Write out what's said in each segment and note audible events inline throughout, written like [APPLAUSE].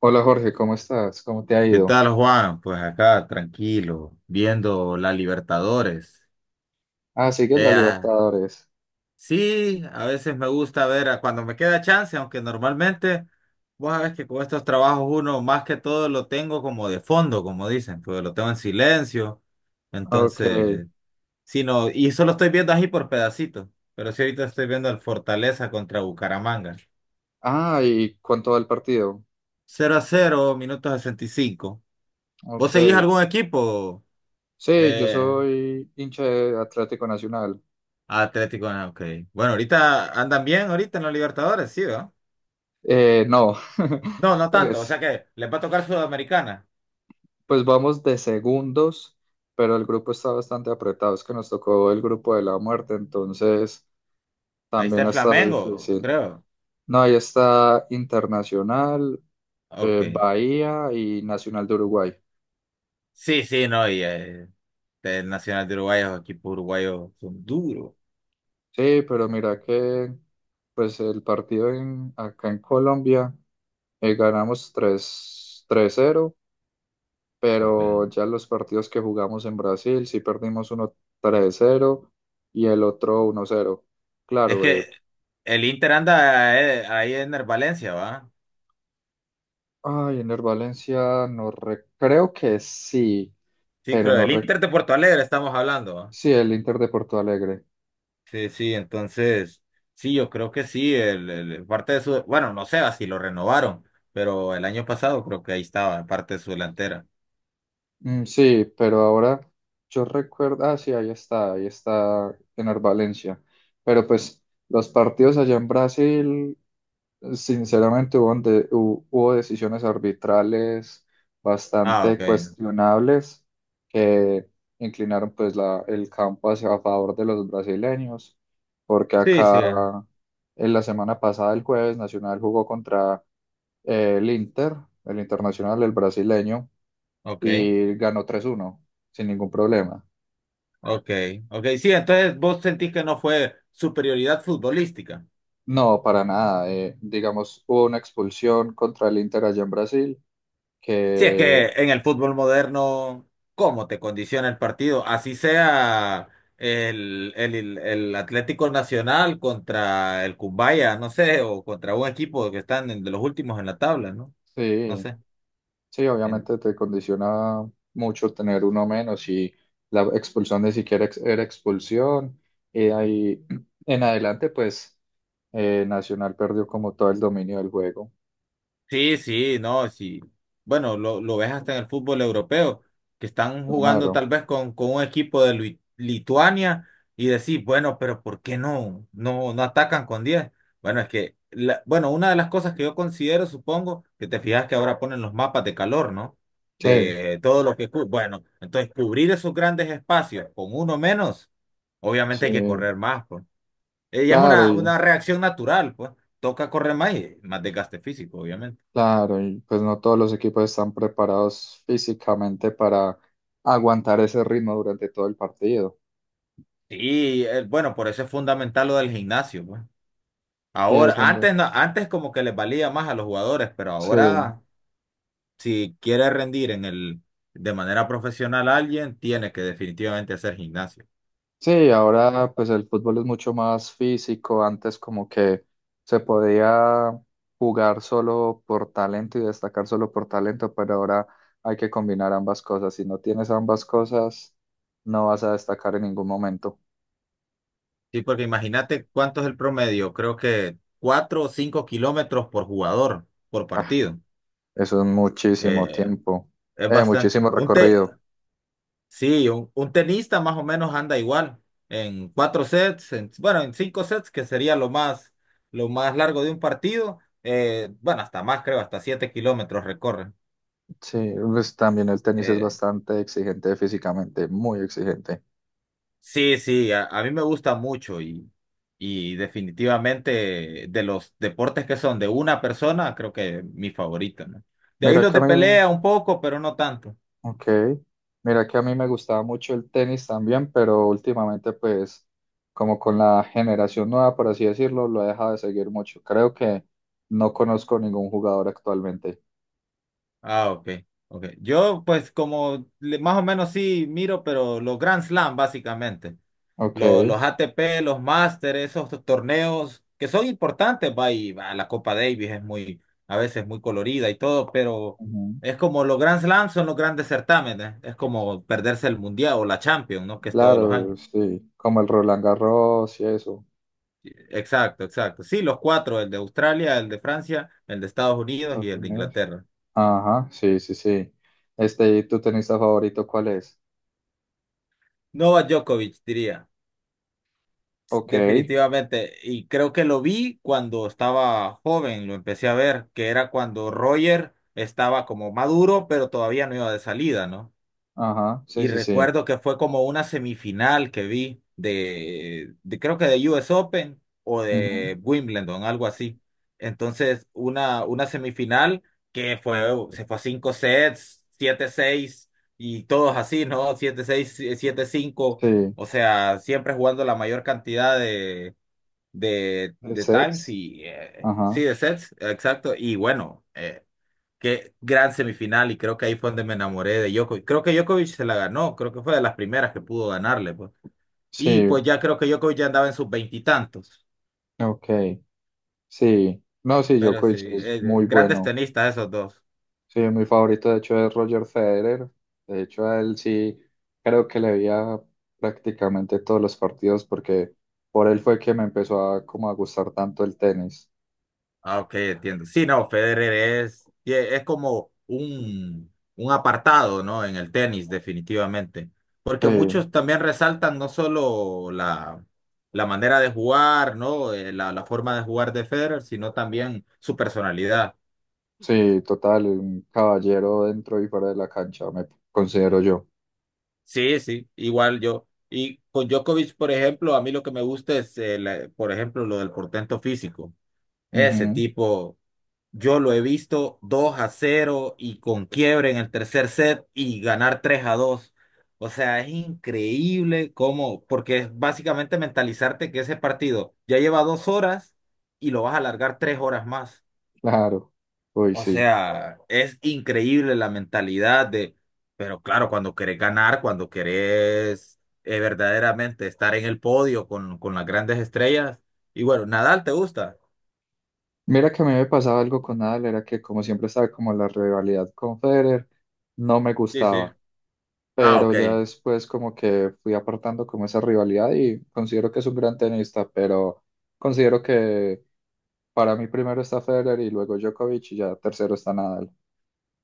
Hola Jorge, ¿cómo estás? ¿Cómo te ha ¿Qué ido? tal, Juan? Pues acá, tranquilo, viendo la Libertadores. Ah, sigues la Eh, ah, Libertadores. sí, a veces me gusta cuando me queda chance, aunque normalmente, vos sabés que con estos trabajos uno más que todo lo tengo como de fondo, como dicen, pues lo tengo en silencio. Ok. Entonces, sí, no, y solo estoy viendo así por pedacitos, pero sí ahorita estoy viendo el Fortaleza contra Bucaramanga. Ah, ¿y cuánto va el partido? Cero a 0, minuto 65. ¿Vos Ok. seguís algún equipo? Sí, yo Eh, soy hincha de Atlético Nacional. Ah, Atlético, ok. Bueno, ahorita andan bien, ahorita en los Libertadores, sí, ¿verdad? No, No, no [LAUGHS] tanto, o sea pues, que les va a tocar Sudamericana. pues vamos de segundos, pero el grupo está bastante apretado. Es que nos tocó el grupo de la muerte, entonces Ahí está también ha el estado Flamengo, difícil. creo. No, ahí está Internacional, Ok. Bahía y Nacional de Uruguay. Sí, sí, no, el Nacional de Uruguay, los equipos uruguayos son duros. Sí, pero mira que pues el partido acá en Colombia ganamos tres cero, pero Ok. ya los partidos que jugamos en Brasil sí perdimos uno 3-0 y el otro 1-0. Es Claro, que eh, el Inter anda ahí en el Valencia, ¿va? ay, en el Valencia no re- creo que sí, Sí, pero creo, no el re- Inter de Porto Alegre estamos hablando. sí, el Inter de Porto Alegre. Sí, sí, entonces, sí, yo creo que sí, parte de su, bueno, no sé si lo renovaron, pero el año pasado creo que ahí estaba, parte de su delantera. Sí, pero ahora yo recuerdo, ah, sí, ahí está en Valencia. Pero pues los partidos allá en Brasil, sinceramente hubo decisiones arbitrales Ah, bastante ok. cuestionables que inclinaron pues el campo hacia a favor de los brasileños, porque Sí, sí, acá en la semana pasada, el jueves, Nacional jugó contra el Inter, el Internacional, el brasileño ok, y ganó 3-1 sin ningún problema. ok, ok, sí, entonces vos sentís que no fue superioridad futbolística. No, para nada. Digamos, hubo una expulsión contra el Inter allá en Brasil, Si es que que en el fútbol moderno, ¿cómo te condiciona el partido? Así sea el Atlético Nacional contra el Cumbaya, no sé, o contra un equipo que de los últimos en la tabla, ¿no? No sí, sé. sí, En- obviamente te condiciona mucho tener uno menos y la expulsión ni siquiera ex- era expulsión. Y de ahí [CLEARS THROAT] en adelante, pues Nacional perdió como todo el dominio del juego. Sí, sí, no, sí. Bueno, lo ves hasta en el fútbol europeo, que están jugando Claro, tal vez con un equipo de Lituania y decís, bueno, pero ¿por qué no, no, no atacan con diez? Bueno, es que, bueno, una de las cosas que yo considero, supongo, que te fijas que ahora ponen los mapas de calor, ¿no? sí, De todo lo que... Bueno, entonces cubrir esos grandes espacios con uno menos, sí, obviamente hay que correr más, pues. Ella es claro. una reacción natural, pues. Toca correr más y más desgaste físico, obviamente. Claro, y pues no todos los equipos están preparados físicamente para aguantar ese ritmo durante todo el partido. Sí, bueno, por eso es fundamental lo del gimnasio, pues. Sí, Ahora, es un... antes no, antes como que les valía más a los jugadores, pero Sí, ahora si quiere rendir en el de manera profesional a alguien, tiene que definitivamente hacer gimnasio. sí, ahora pues el fútbol es mucho más físico. Antes como que se podía jugar solo por talento y destacar solo por talento, pero ahora hay que combinar ambas cosas. Si no tienes ambas cosas, no vas a destacar en ningún momento. Sí, porque imagínate cuánto es el promedio, creo que 4 o 5 kilómetros por jugador, por Ah, partido. eso es muchísimo Eh, tiempo, es bastante. muchísimo Un te- recorrido. Sí, un tenista más o menos anda igual, en 4 sets, bueno, en 5 sets, que sería lo más largo de un partido, bueno, hasta más creo, hasta 7 kilómetros recorren. Sí, pues también el tenis es Eh, bastante exigente físicamente, muy exigente. sí, sí, a mí me gusta mucho y definitivamente de los deportes que son de una persona, creo que mi favorito, ¿no? De ahí Mira los que a de mí, pelea un poco, pero no tanto. ok, mira que a mí me gustaba mucho el tenis también, pero últimamente pues como con la generación nueva, por así decirlo, lo he dejado de seguir mucho. Creo que no conozco ningún jugador actualmente. Ah, ok. Ok. Yo pues más o menos sí miro, pero los Grand Slam básicamente. Ok, Los ATP, los Masters, esos torneos que son importantes, va, y va, la Copa Davis es muy, a veces muy colorida y todo, pero ujú. es como los Grand Slams son los grandes certámenes, es como perderse el Mundial o la Champions, ¿no? Que es todos los Claro, años. sí, como el Roland Garros y eso. Exacto, exacto. Sí, los cuatro, el de Australia, el de Francia, el de Estados Unidos y Estados el de Unidos. Inglaterra. Ajá, sí, sí, sí. Este, ¿y tu tenista favorito cuál es? Novak Djokovic, diría. Ok. Definitivamente, y creo que lo vi cuando estaba joven, lo empecé a ver, que era cuando Roger estaba como maduro, pero todavía no iba de salida, ¿no? Ajá, sí, Y sí, sí. recuerdo que fue como una semifinal que vi de creo que de US Open o Ujú. de Wimbledon, algo así. Entonces, una semifinal que fue, se fue a 5 sets, siete, seis, y todos así, ¿no? Siete, seis, siete, cinco. Sí, O sea, siempre jugando la mayor cantidad de de de Times sets. y sí, Ajá, de Sets, exacto. Y bueno, qué gran semifinal y creo que ahí fue donde me enamoré de Djokovic. Creo que Djokovic se la ganó, creo que fue de las primeras que pudo ganarle, pues. Y sí, pues ya creo que Djokovic ya andaba en sus veintitantos, ok, sí. No, sí, pero sí, Djokovic es muy grandes bueno. tenistas esos dos. Sí, mi favorito, de hecho, es Roger Federer. De hecho, a él sí, creo que le veía prácticamente todos los partidos porque por él fue que me empezó a, como a gustar tanto el tenis. Ah, ok, entiendo. Sí, no, Federer es, y es como un apartado, ¿no? En el tenis, definitivamente. Sí, Porque muchos también resaltan no solo la, la manera de jugar, ¿no? La forma de jugar de Federer, sino también su personalidad. sí, total, un caballero dentro y fuera de la cancha, me considero yo. Sí, sí, igual yo. Y con Djokovic, por ejemplo, a mí lo que me gusta es, por ejemplo, lo del portento físico. Ese Ujú, tipo. Yo lo he visto 2 a cero y con quiebre en el tercer set y ganar 3 a dos. O sea, es increíble cómo, porque es básicamente mentalizarte que ese partido ya lleva 2 horas y lo vas a alargar 3 horas más. claro, uy, O sí. sea, es increíble la mentalidad de, pero claro, cuando querés ganar, cuando querés verdaderamente estar en el podio con las grandes estrellas. Y bueno, Nadal, ¿te gusta? Mira que a mí me pasaba algo con Nadal, era que como siempre estaba como la rivalidad con Federer, no me Sí, sí. gustaba, Ah, pero ok. ya después como que fui apartando como esa rivalidad y considero que es un gran tenista, pero considero que para mí primero está Federer y luego Djokovic y ya tercero está Nadal.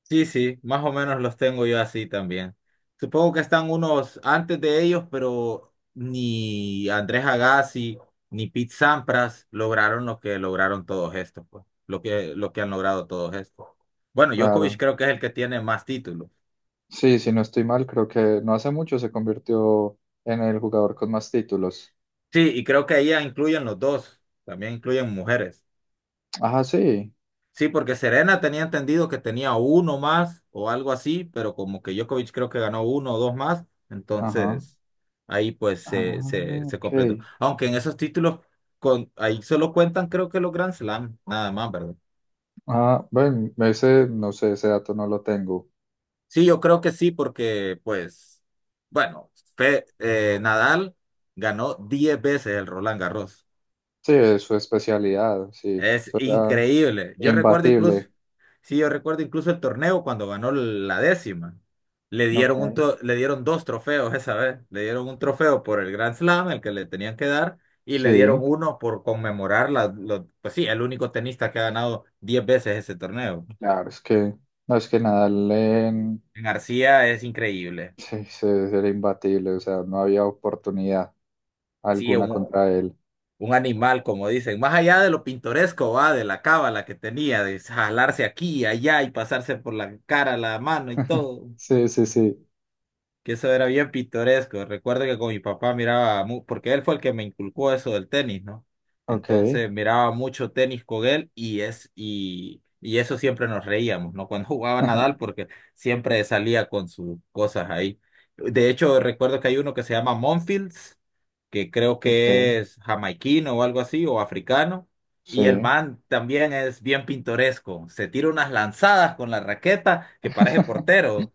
Sí, sí, más o menos los tengo yo así también. Supongo que están unos antes de ellos, pero ni Andrés Agassi ni Pete Sampras lograron lo que lograron todos estos, pues, lo que han logrado todos estos. Bueno, Djokovic Claro. creo que es el que tiene más títulos. Sí, si no estoy mal, creo que no hace mucho se convirtió en el jugador con más títulos. Sí, y creo que ahí ya incluyen los dos, también incluyen mujeres. Ajá, sí. Sí, porque Serena tenía entendido que tenía uno más o algo así, pero como que Djokovic creo que ganó uno o dos más, Ajá. entonces ahí pues Ah, se ok. completó. Aunque en esos títulos con, ahí solo cuentan creo que los Grand Slam, nada más, ¿verdad? Ah, bueno, ese, no sé, ese dato no lo tengo. Sí, yo creo que sí, porque pues, bueno, Nadal ganó 10 veces el Roland Garros. Sí, es su especialidad, sí, Es eso era increíble. Yo recuerdo incluso, imbatible. sí, yo recuerdo incluso el torneo cuando ganó la décima. Le Ok. dieron le dieron dos trofeos esa vez. Le dieron un trofeo por el Grand Slam, el que le tenían que dar, y le dieron Sí, uno por conmemorar pues sí, el único tenista que ha ganado 10 veces ese torneo. claro, es que, no es que Nadal en, García es increíble. sí, sí, era imbatible, o sea, no había oportunidad Sí, alguna contra él. un animal, como dicen. Más allá de lo pintoresco, va, de la cábala que tenía, de jalarse aquí y allá y pasarse por la cara, la mano y [LAUGHS] todo, Sí, sí, sí, que eso era bien pintoresco. Recuerdo que con mi papá miraba, porque él fue el que me inculcó eso del tenis, ¿no? ok, Entonces miraba mucho tenis con él y es y eso siempre nos reíamos, ¿no? Cuando [LAUGHS] jugaba Nadal, [LAUGHS] porque siempre salía con sus cosas ahí. De hecho, recuerdo que hay uno que se llama Monfils, que creo ok, que es jamaiquino o algo así, o africano. Y el sí. man también es bien pintoresco. Se tira unas lanzadas con la raqueta que parece [LAUGHS] portero.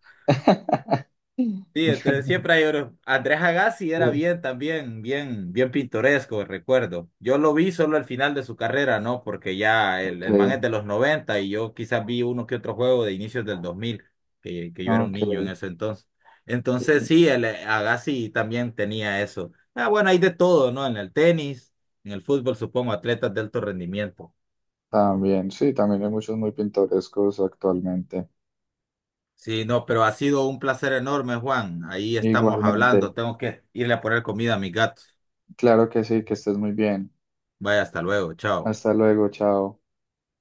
Sí, entonces siempre hay oro. Andrés Agassi Sí, era bien también, bien, bien pintoresco, recuerdo. Yo lo vi solo al final de su carrera, ¿no? Porque ya ok, el man es de los 90 y yo quizás vi uno que otro juego de inicios del dos mil, que yo era un niño en ok. ese entonces. Entonces Y sí, el Agassi también tenía eso. Ah, bueno, hay de todo, ¿no? En el tenis, en el fútbol, supongo, atletas de alto rendimiento. también, sí, también hay muchos muy pintorescos actualmente. Sí, no, pero ha sido un placer enorme, Juan. Ahí estamos Igualmente, hablando. Tengo que irle a poner comida a mis gatos. claro que sí, que estés muy bien. Vaya, hasta luego, chao. Hasta luego, chao.